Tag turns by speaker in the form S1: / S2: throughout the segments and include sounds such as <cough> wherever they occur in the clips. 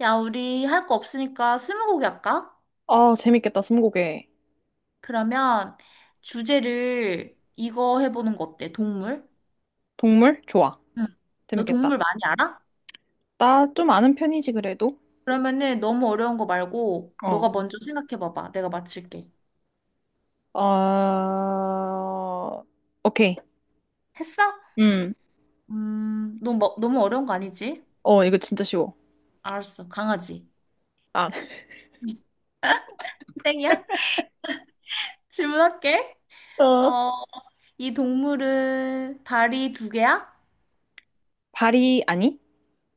S1: 야, 우리 할 거 없으니까 스무고개 할까?
S2: 아, 재밌겠다, 스무고개.
S1: 그러면 주제를 이거 해보는 거 어때? 동물?
S2: 동물? 좋아.
S1: 응. 너
S2: 재밌겠다.
S1: 동물 많이 알아?
S2: 나 좀 아는 편이지, 그래도.
S1: 그러면은 너무 어려운 거 말고
S2: 어.
S1: 너가 먼저 생각해봐봐. 내가 맞출게.
S2: 어, 오케이.
S1: 했어?
S2: 음.
S1: 너 뭐, 너무 어려운 거 아니지?
S2: 어, 이거 진짜 쉬워.
S1: 알았어. 강아지.
S2: 아. <laughs>
S1: <laughs> 땡이야? 질문할게.
S2: 어.
S1: 어, 이 동물은 발이 두 개야?
S2: 발이, 아니?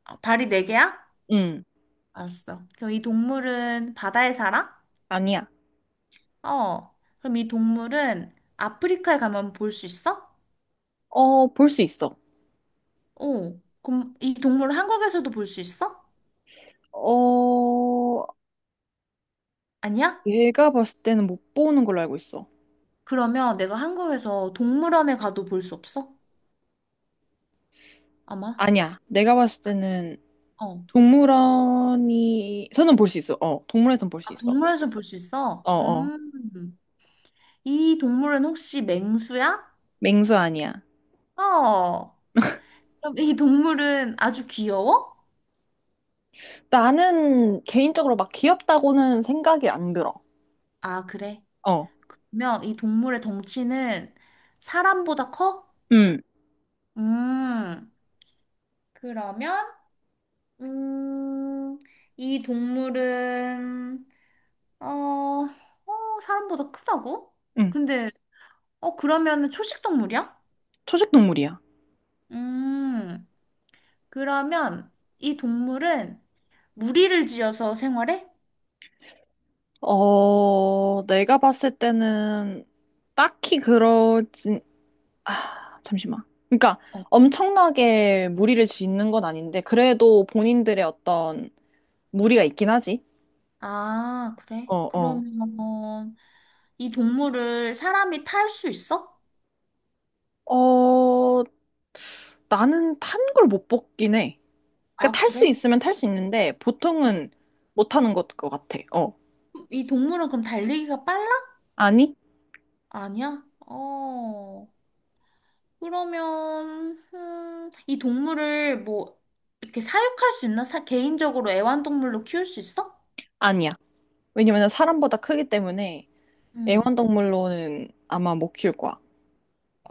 S1: 아, 발이 네 개야?
S2: 음.
S1: 알았어. 그럼 이 동물은 바다에 살아?
S2: 아니야.
S1: 어, 그럼 이 동물은 아프리카에 가면 볼 수 있어?
S2: 어, 볼 수 있어.
S1: 어, 그럼 이 동물 한국에서도 볼 수 있어?
S2: 어,
S1: 아니야?
S2: 내가 봤을 때는 못 보는 걸로 알고 있어.
S1: 그러면 내가 한국에서 동물원에 가도 볼 수 없어? 아마?
S2: 아니야. 내가 봤을 때는
S1: 어,
S2: 동물원이, 서는 볼 수 있어. 어, 동물원에선 볼 수
S1: 아,
S2: 있어.
S1: 동물원에서 볼 수 있어?
S2: 어, 어.
S1: 이 동물은 혹시 맹수야?
S2: 맹수 아니야.
S1: 어, 그럼 이 동물은 아주 귀여워?
S2: 나는 개인적으로 막 귀엽다고는 생각이 안 들어.
S1: 아, 그래.
S2: 어,
S1: 그러면 이 동물의 덩치는 사람보다 커?
S2: 응.
S1: 음, 그러면 음, 이 동물은 사람보다 크다고?
S2: 응.
S1: 근데 어 그러면 초식 동물이야?
S2: 초식 동물이야.
S1: 음, 그러면 이 동물은 무리를 지어서 생활해?
S2: 어, 내가 봤을 때는 딱히 그러진, 아, 잠시만. 그러니까
S1: 어.
S2: 엄청나게 무리를 짓는 건 아닌데, 그래도 본인들의 어떤 무리가 있긴 하지.
S1: 아, 그래?
S2: 어, 어.
S1: 그러면 이 동물을 사람이 탈 수 있어?
S2: 어, 나는 탄 걸 못 뽑긴 해.
S1: 아,
S2: 그러니까 탈 수
S1: 그래?
S2: 있으면 탈 수 있는데,
S1: 어.
S2: 보통은 못 타는 것 같아. 어.
S1: 이 동물은 그럼 달리기가 빨라?
S2: 아니?
S1: 아니야? 어. 그러면 이 동물을 뭐 이렇게 사육할 수 있나? 사, 개인적으로 애완동물로 키울 수 있어?
S2: 아니야. 왜냐면 사람보다 크기 때문에
S1: 음.
S2: 애완동물로는 아마 못 키울 거야.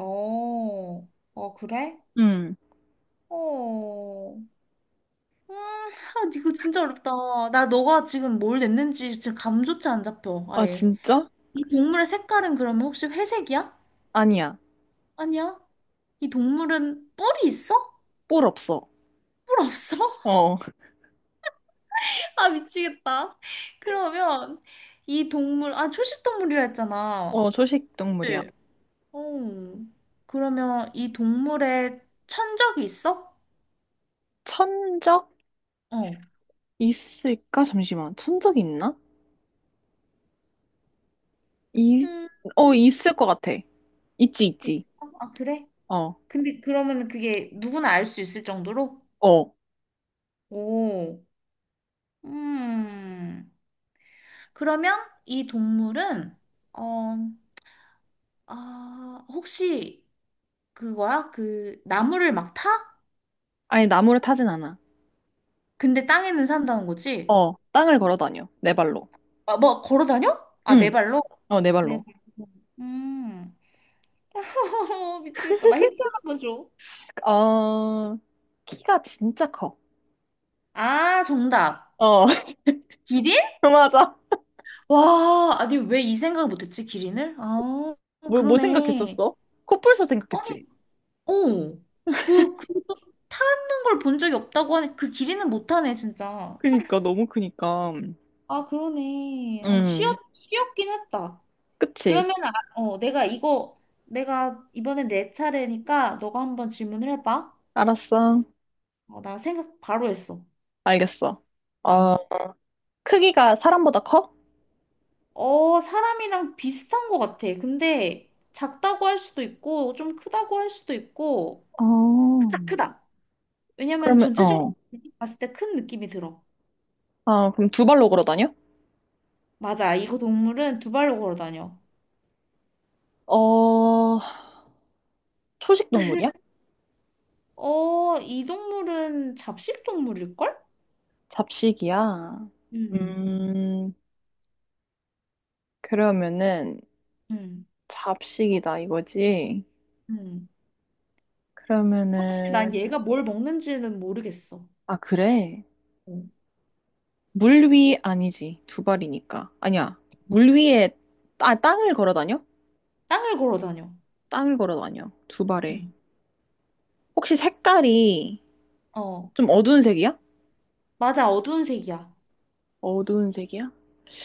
S1: 어, 어, 그래?
S2: 음.
S1: 어, 아, 이거 진짜 어렵다. 나 너가 지금 뭘 냈는지 지금 감조차 안 잡혀.
S2: 아,
S1: 아예.
S2: 진짜?
S1: 이 동물의 색깔은 그러면 혹시 회색이야?
S2: 아니야.
S1: 아니야. 이 동물은 뿔이 있어?
S2: 뿔 없어.
S1: 뿔 없어? <laughs>
S2: 어,
S1: 아, 미치겠다. 그러면 이 동물, 아, 초식 동물이라 했잖아.
S2: 어, 초식 동물이야.
S1: 어, 그러면 이 동물에 천적이 있어?
S2: 천적
S1: 어.
S2: 있을까? 잠시만. 천적 있나? 이,
S1: 음,
S2: 어, 있을 것 같아. 있지,
S1: 있어.
S2: 있지.
S1: 아, 그래?
S2: 어,
S1: 근데 그러면 그게 누구나 알 수 있을 정도로?
S2: 어.
S1: 오, 음. 그러면 이 동물은, 어, 아, 혹시 그거야? 그 나무를 막 타?
S2: 아니, 나무를 타진 않아.
S1: 근데 땅에는 산다는 거지?
S2: 어, 땅을 걸어 다녀. 네 발로.
S1: 아, 뭐 걸어 다녀? 아, 네
S2: 응,
S1: 발로?
S2: 어, 네
S1: 네
S2: 발로.
S1: 발로. 음. <laughs> 미치겠다. 나 힌트 하나 만 줘.
S2: 어, 키가 진짜 커.
S1: 아, 정답.
S2: 어, <laughs>
S1: 기린?
S2: 맞아.
S1: 와, 아니, 왜 이 생각을 못했지, 기린을? 아,
S2: 뭐
S1: 그러네.
S2: 생각했었어? 코뿔소
S1: 아니,
S2: 생각했지?
S1: 어. 그, 그, 타는 걸 본 적이 없다고 하네. 그 기린은 못하네, 진짜.
S2: 그니까, 너무 크니까.
S1: 아, 그러네. 아,
S2: 음,
S1: 쉬었긴 했다.
S2: 그치.
S1: 그러면, 아, 어, 내가 이번에 내 차례니까 너가 한번 질문을 해봐.
S2: 알았어.
S1: 어, 나 생각 바로 했어.
S2: 알겠어. 어,
S1: 응.
S2: 크기가 사람보다 커?
S1: 어, 사람이랑 비슷한 것 같아. 근데 작다고 할 수도 있고, 좀 크다고 할 수도 있고,
S2: 어,
S1: 크다, 크다. 왜냐면
S2: 그러면,
S1: 전체적으로
S2: 어.
S1: 봤을 때 큰 느낌이 들어.
S2: 아, 그럼 두 발로 걸어 다녀?
S1: 맞아. 이거 동물은 두 발로 걸어 다녀.
S2: 어, 초식 동물이야?
S1: 어, 이 동물은 잡식 동물일걸?
S2: 잡식이야.
S1: 음,
S2: 음, 그러면은,
S1: 음,
S2: 잡식이다 이거지?
S1: 음. 사실 난
S2: 그러면은,
S1: 얘가 뭘 먹는지는 모르겠어.
S2: 아, 그래.
S1: 어.
S2: 물 위 아니지. 두 발이니까. 아니야. 물 위에, 아, 땅을 걸어 다녀?
S1: 땅을 걸어 다녀.
S2: 땅을 걸어 다녀. 두 발에.
S1: 음.
S2: 혹시 색깔이
S1: 어,
S2: 좀 어두운 색이야?
S1: 맞아. 어두운 색이야.
S2: 어두운 색이야?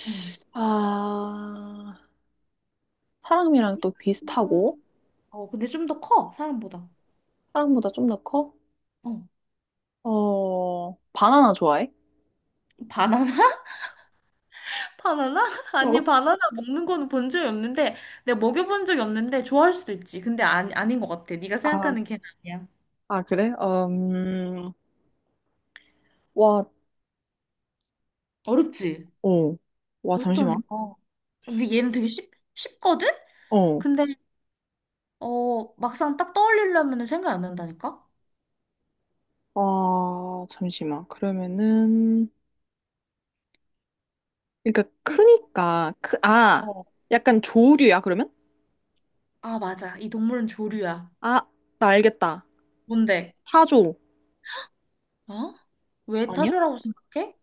S1: 음.
S2: 아, 사람이랑 또 비슷하고,
S1: 어, 근데 좀 더 커, 사람보다.
S2: 사람보다 좀 더 커?
S1: 어.
S2: 어, 바나나 좋아해?
S1: 바나나? <laughs> 바나나? <laughs> 아니,
S2: 어.
S1: 바나나 먹는 거는 본 적이 없는데, 내가 먹여본 적이 없는데, 좋아할 수도 있지. 근데 아, 아닌 것 같아. 네가
S2: 아,
S1: 생각하는 걔는 아니야.
S2: 아, 그래? 와,
S1: 어렵지?
S2: 어, 와, 잠시만.
S1: 어렵다니까. 근데 얘는 되게 쉽거든?
S2: 어,
S1: 근데, 어, 막상 딱 떠올리려면 생각 안 난다니까?
S2: 와, 잠시만. 그러면은, 그러니까 크니까, 크, 아,
S1: 어,
S2: 약간 조류야, 그러면?
S1: 아, 맞아. 이 동물은 조류야.
S2: 아, 나 알겠다.
S1: 뭔데?
S2: 사조.
S1: 어? 왜
S2: 아니야?
S1: 타조라고 생각해?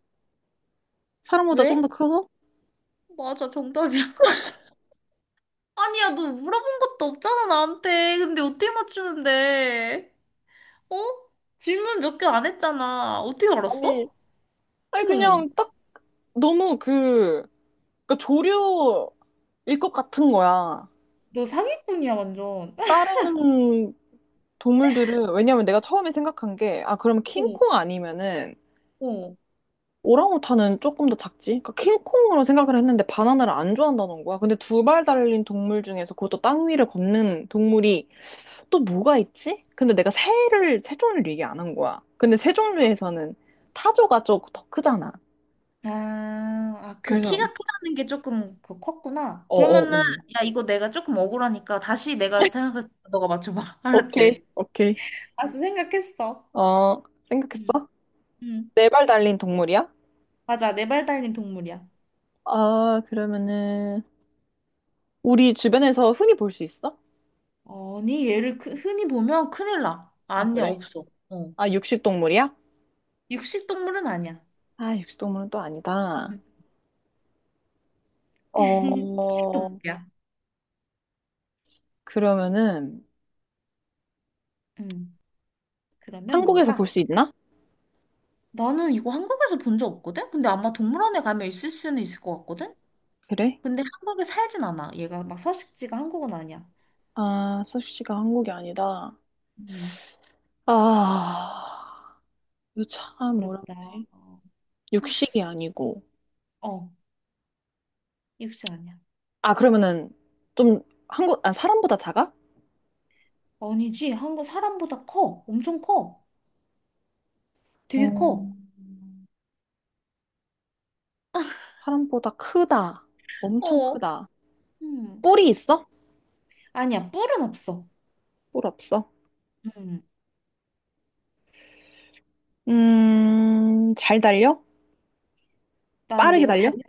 S2: 사람보다
S1: 왜?
S2: 좀 더 커서?
S1: 맞아, 정답이야. <laughs> 아니야, 너 물어본 것도 없잖아, 나한테. 근데 어떻게 맞추는데? 어? 질문 몇 개 안 했잖아. 어떻게
S2: 아니,
S1: 알았어?
S2: 아니
S1: 응.
S2: 그냥 너무 그, 그러니까 조류일 것 같은 거야.
S1: 너 사기꾼이야, 완전. <laughs>
S2: 다른 동물들은, 왜냐면 내가 처음에 생각한 게, 아, 그러면
S1: 어,
S2: 킹콩 아니면은,
S1: 어.
S2: 오랑우탄은 조금 더 작지? 그러니까 킹콩으로 생각을 했는데 바나나를 안 좋아한다는 거야. 근데 두 발 달린 동물 중에서 그것도 땅 위를 걷는 동물이 또 뭐가 있지? 근데 내가 새를, 새 종류를 얘기 안 한 거야. 근데 새 종류에서는 타조가 좀 더 크잖아.
S1: 아, 아, 그
S2: 그래서,
S1: 키가 크다는 게 조금 그 컸구나. 그러면은,
S2: 어어어.
S1: 야, 이거 내가 조금 억울하니까 다시 내가 생각할 때 너가 맞춰봐. <laughs> 알았지?
S2: 오케이, 오케이.
S1: 알았어, 생각했어.
S2: 어,
S1: 응,
S2: 생각했어?
S1: 응.
S2: 네발 달린 동물이야?
S1: 맞아, 네발 달린 동물이야.
S2: 아, 그러면은 우리 주변에서 흔히 볼 수 있어?
S1: 아니, 얘를 흔히 보면 큰일 나.
S2: 아,
S1: 아니야,
S2: 그래?
S1: 없어. 어.
S2: 아, 육식 동물이야?
S1: 육식 동물은 아니야.
S2: 아, 육식 동물은 또 아니다.
S1: 응.
S2: 어,
S1: <laughs> 육식 동물이야.
S2: 그러면은
S1: 응 그러면
S2: 한국에서
S1: 뭘까?
S2: 볼 수 있나?
S1: 나는 이거 한국에서 본 적 없거든? 근데 아마 동물원에 가면 있을 수는 있을 것 같거든?
S2: 그래?
S1: 근데 한국에 살진 않아. 얘가 막 서식지가 한국은 아니야.
S2: 아, 서식지가 한국이 아니다.
S1: 음,
S2: 아, 이거 참
S1: 어렵다.
S2: 어렵네.
S1: 어,
S2: 육식이 아니고.
S1: 어, 육식 아니야.
S2: 아, 그러면은 좀 한국, 아, 사람보다 작아?
S1: 아니지. 한국 사람보다 커. 엄청 커. 되게
S2: 어,
S1: 커.
S2: 사람보다 크다. 엄청
S1: 어,
S2: 크다.
S1: 음,
S2: 뿔이 있어?
S1: 아니야. 뿔은 없어.
S2: 뿔 없어?
S1: 음,
S2: 잘 달려?
S1: 난
S2: 빠르게
S1: 얘가
S2: 달려?
S1: 달리,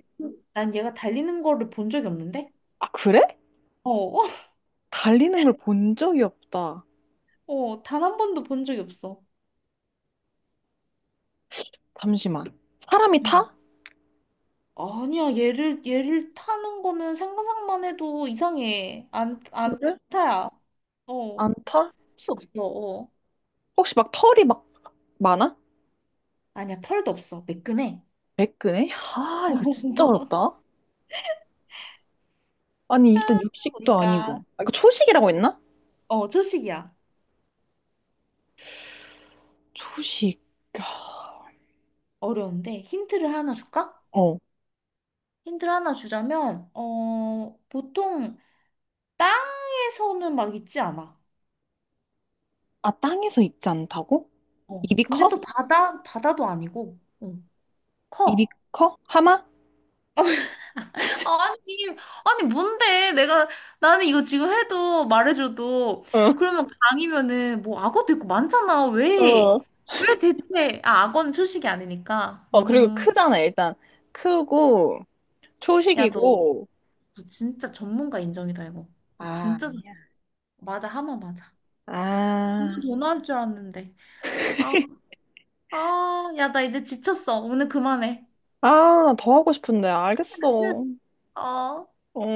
S1: 난 얘가 달리는 거를 본 적이 없는데?
S2: 아, 그래?
S1: 어, <laughs>
S2: 달리는 걸 본 적이 없다.
S1: 어, 단 한 번도 본 적이 없어.
S2: 잠시만. 사람이
S1: 음.
S2: 타?
S1: 아니야. 얘를 타는 거는 생각만 해도 이상해. 안
S2: 그래?
S1: 타야. 어,
S2: 안 타?
S1: 수 없어. 어.
S2: 혹시 막 털이 막 많아?
S1: 아니야. 털도 없어. 매끈해.
S2: 매끈해? 아, 이거 진짜
S1: <laughs>
S2: 어렵다. 아니, 일단 육식도 아니고.
S1: 그러니까.
S2: 아, 이거 초식이라고 했나?
S1: 어, 초식이야.
S2: 초식. 아,
S1: 어려운데 힌트를 하나 줄까?
S2: 어.
S1: 힌트를 하나 주자면 어 보통 땅에서는 막 있지 않아.
S2: 아, 땅에서 익지 않다고?
S1: 어
S2: 입이
S1: 근데 또
S2: 커?
S1: 바다도 아니고 어,
S2: 입이
S1: 커.
S2: 커? 하마?
S1: 아니, 아니, 뭔데? 내가, 나는 이거 지금 해도 말해줘도,
S2: 응.
S1: 그러면 강이면은, 뭐, 악어도 있고 많잖아.
S2: 어.
S1: 왜? 왜 대체? 아, 악어는 초식이 아니니까.
S2: 어, 그리고 크잖아, 일단. 크고,
S1: 야,
S2: 초식이고.
S1: 너 진짜 전문가 인정이다, 이거. 너
S2: 아,
S1: 진짜, 전- 맞아, 하마 맞아. 너무
S2: 아.
S1: 더 나올 줄 알았는데. 아, 아, 야, 나 이제 지쳤어. 오늘 그만해.
S2: 아, 나 더 하고 싶은데. 알겠어.
S1: <laughs> 어.
S2: 어,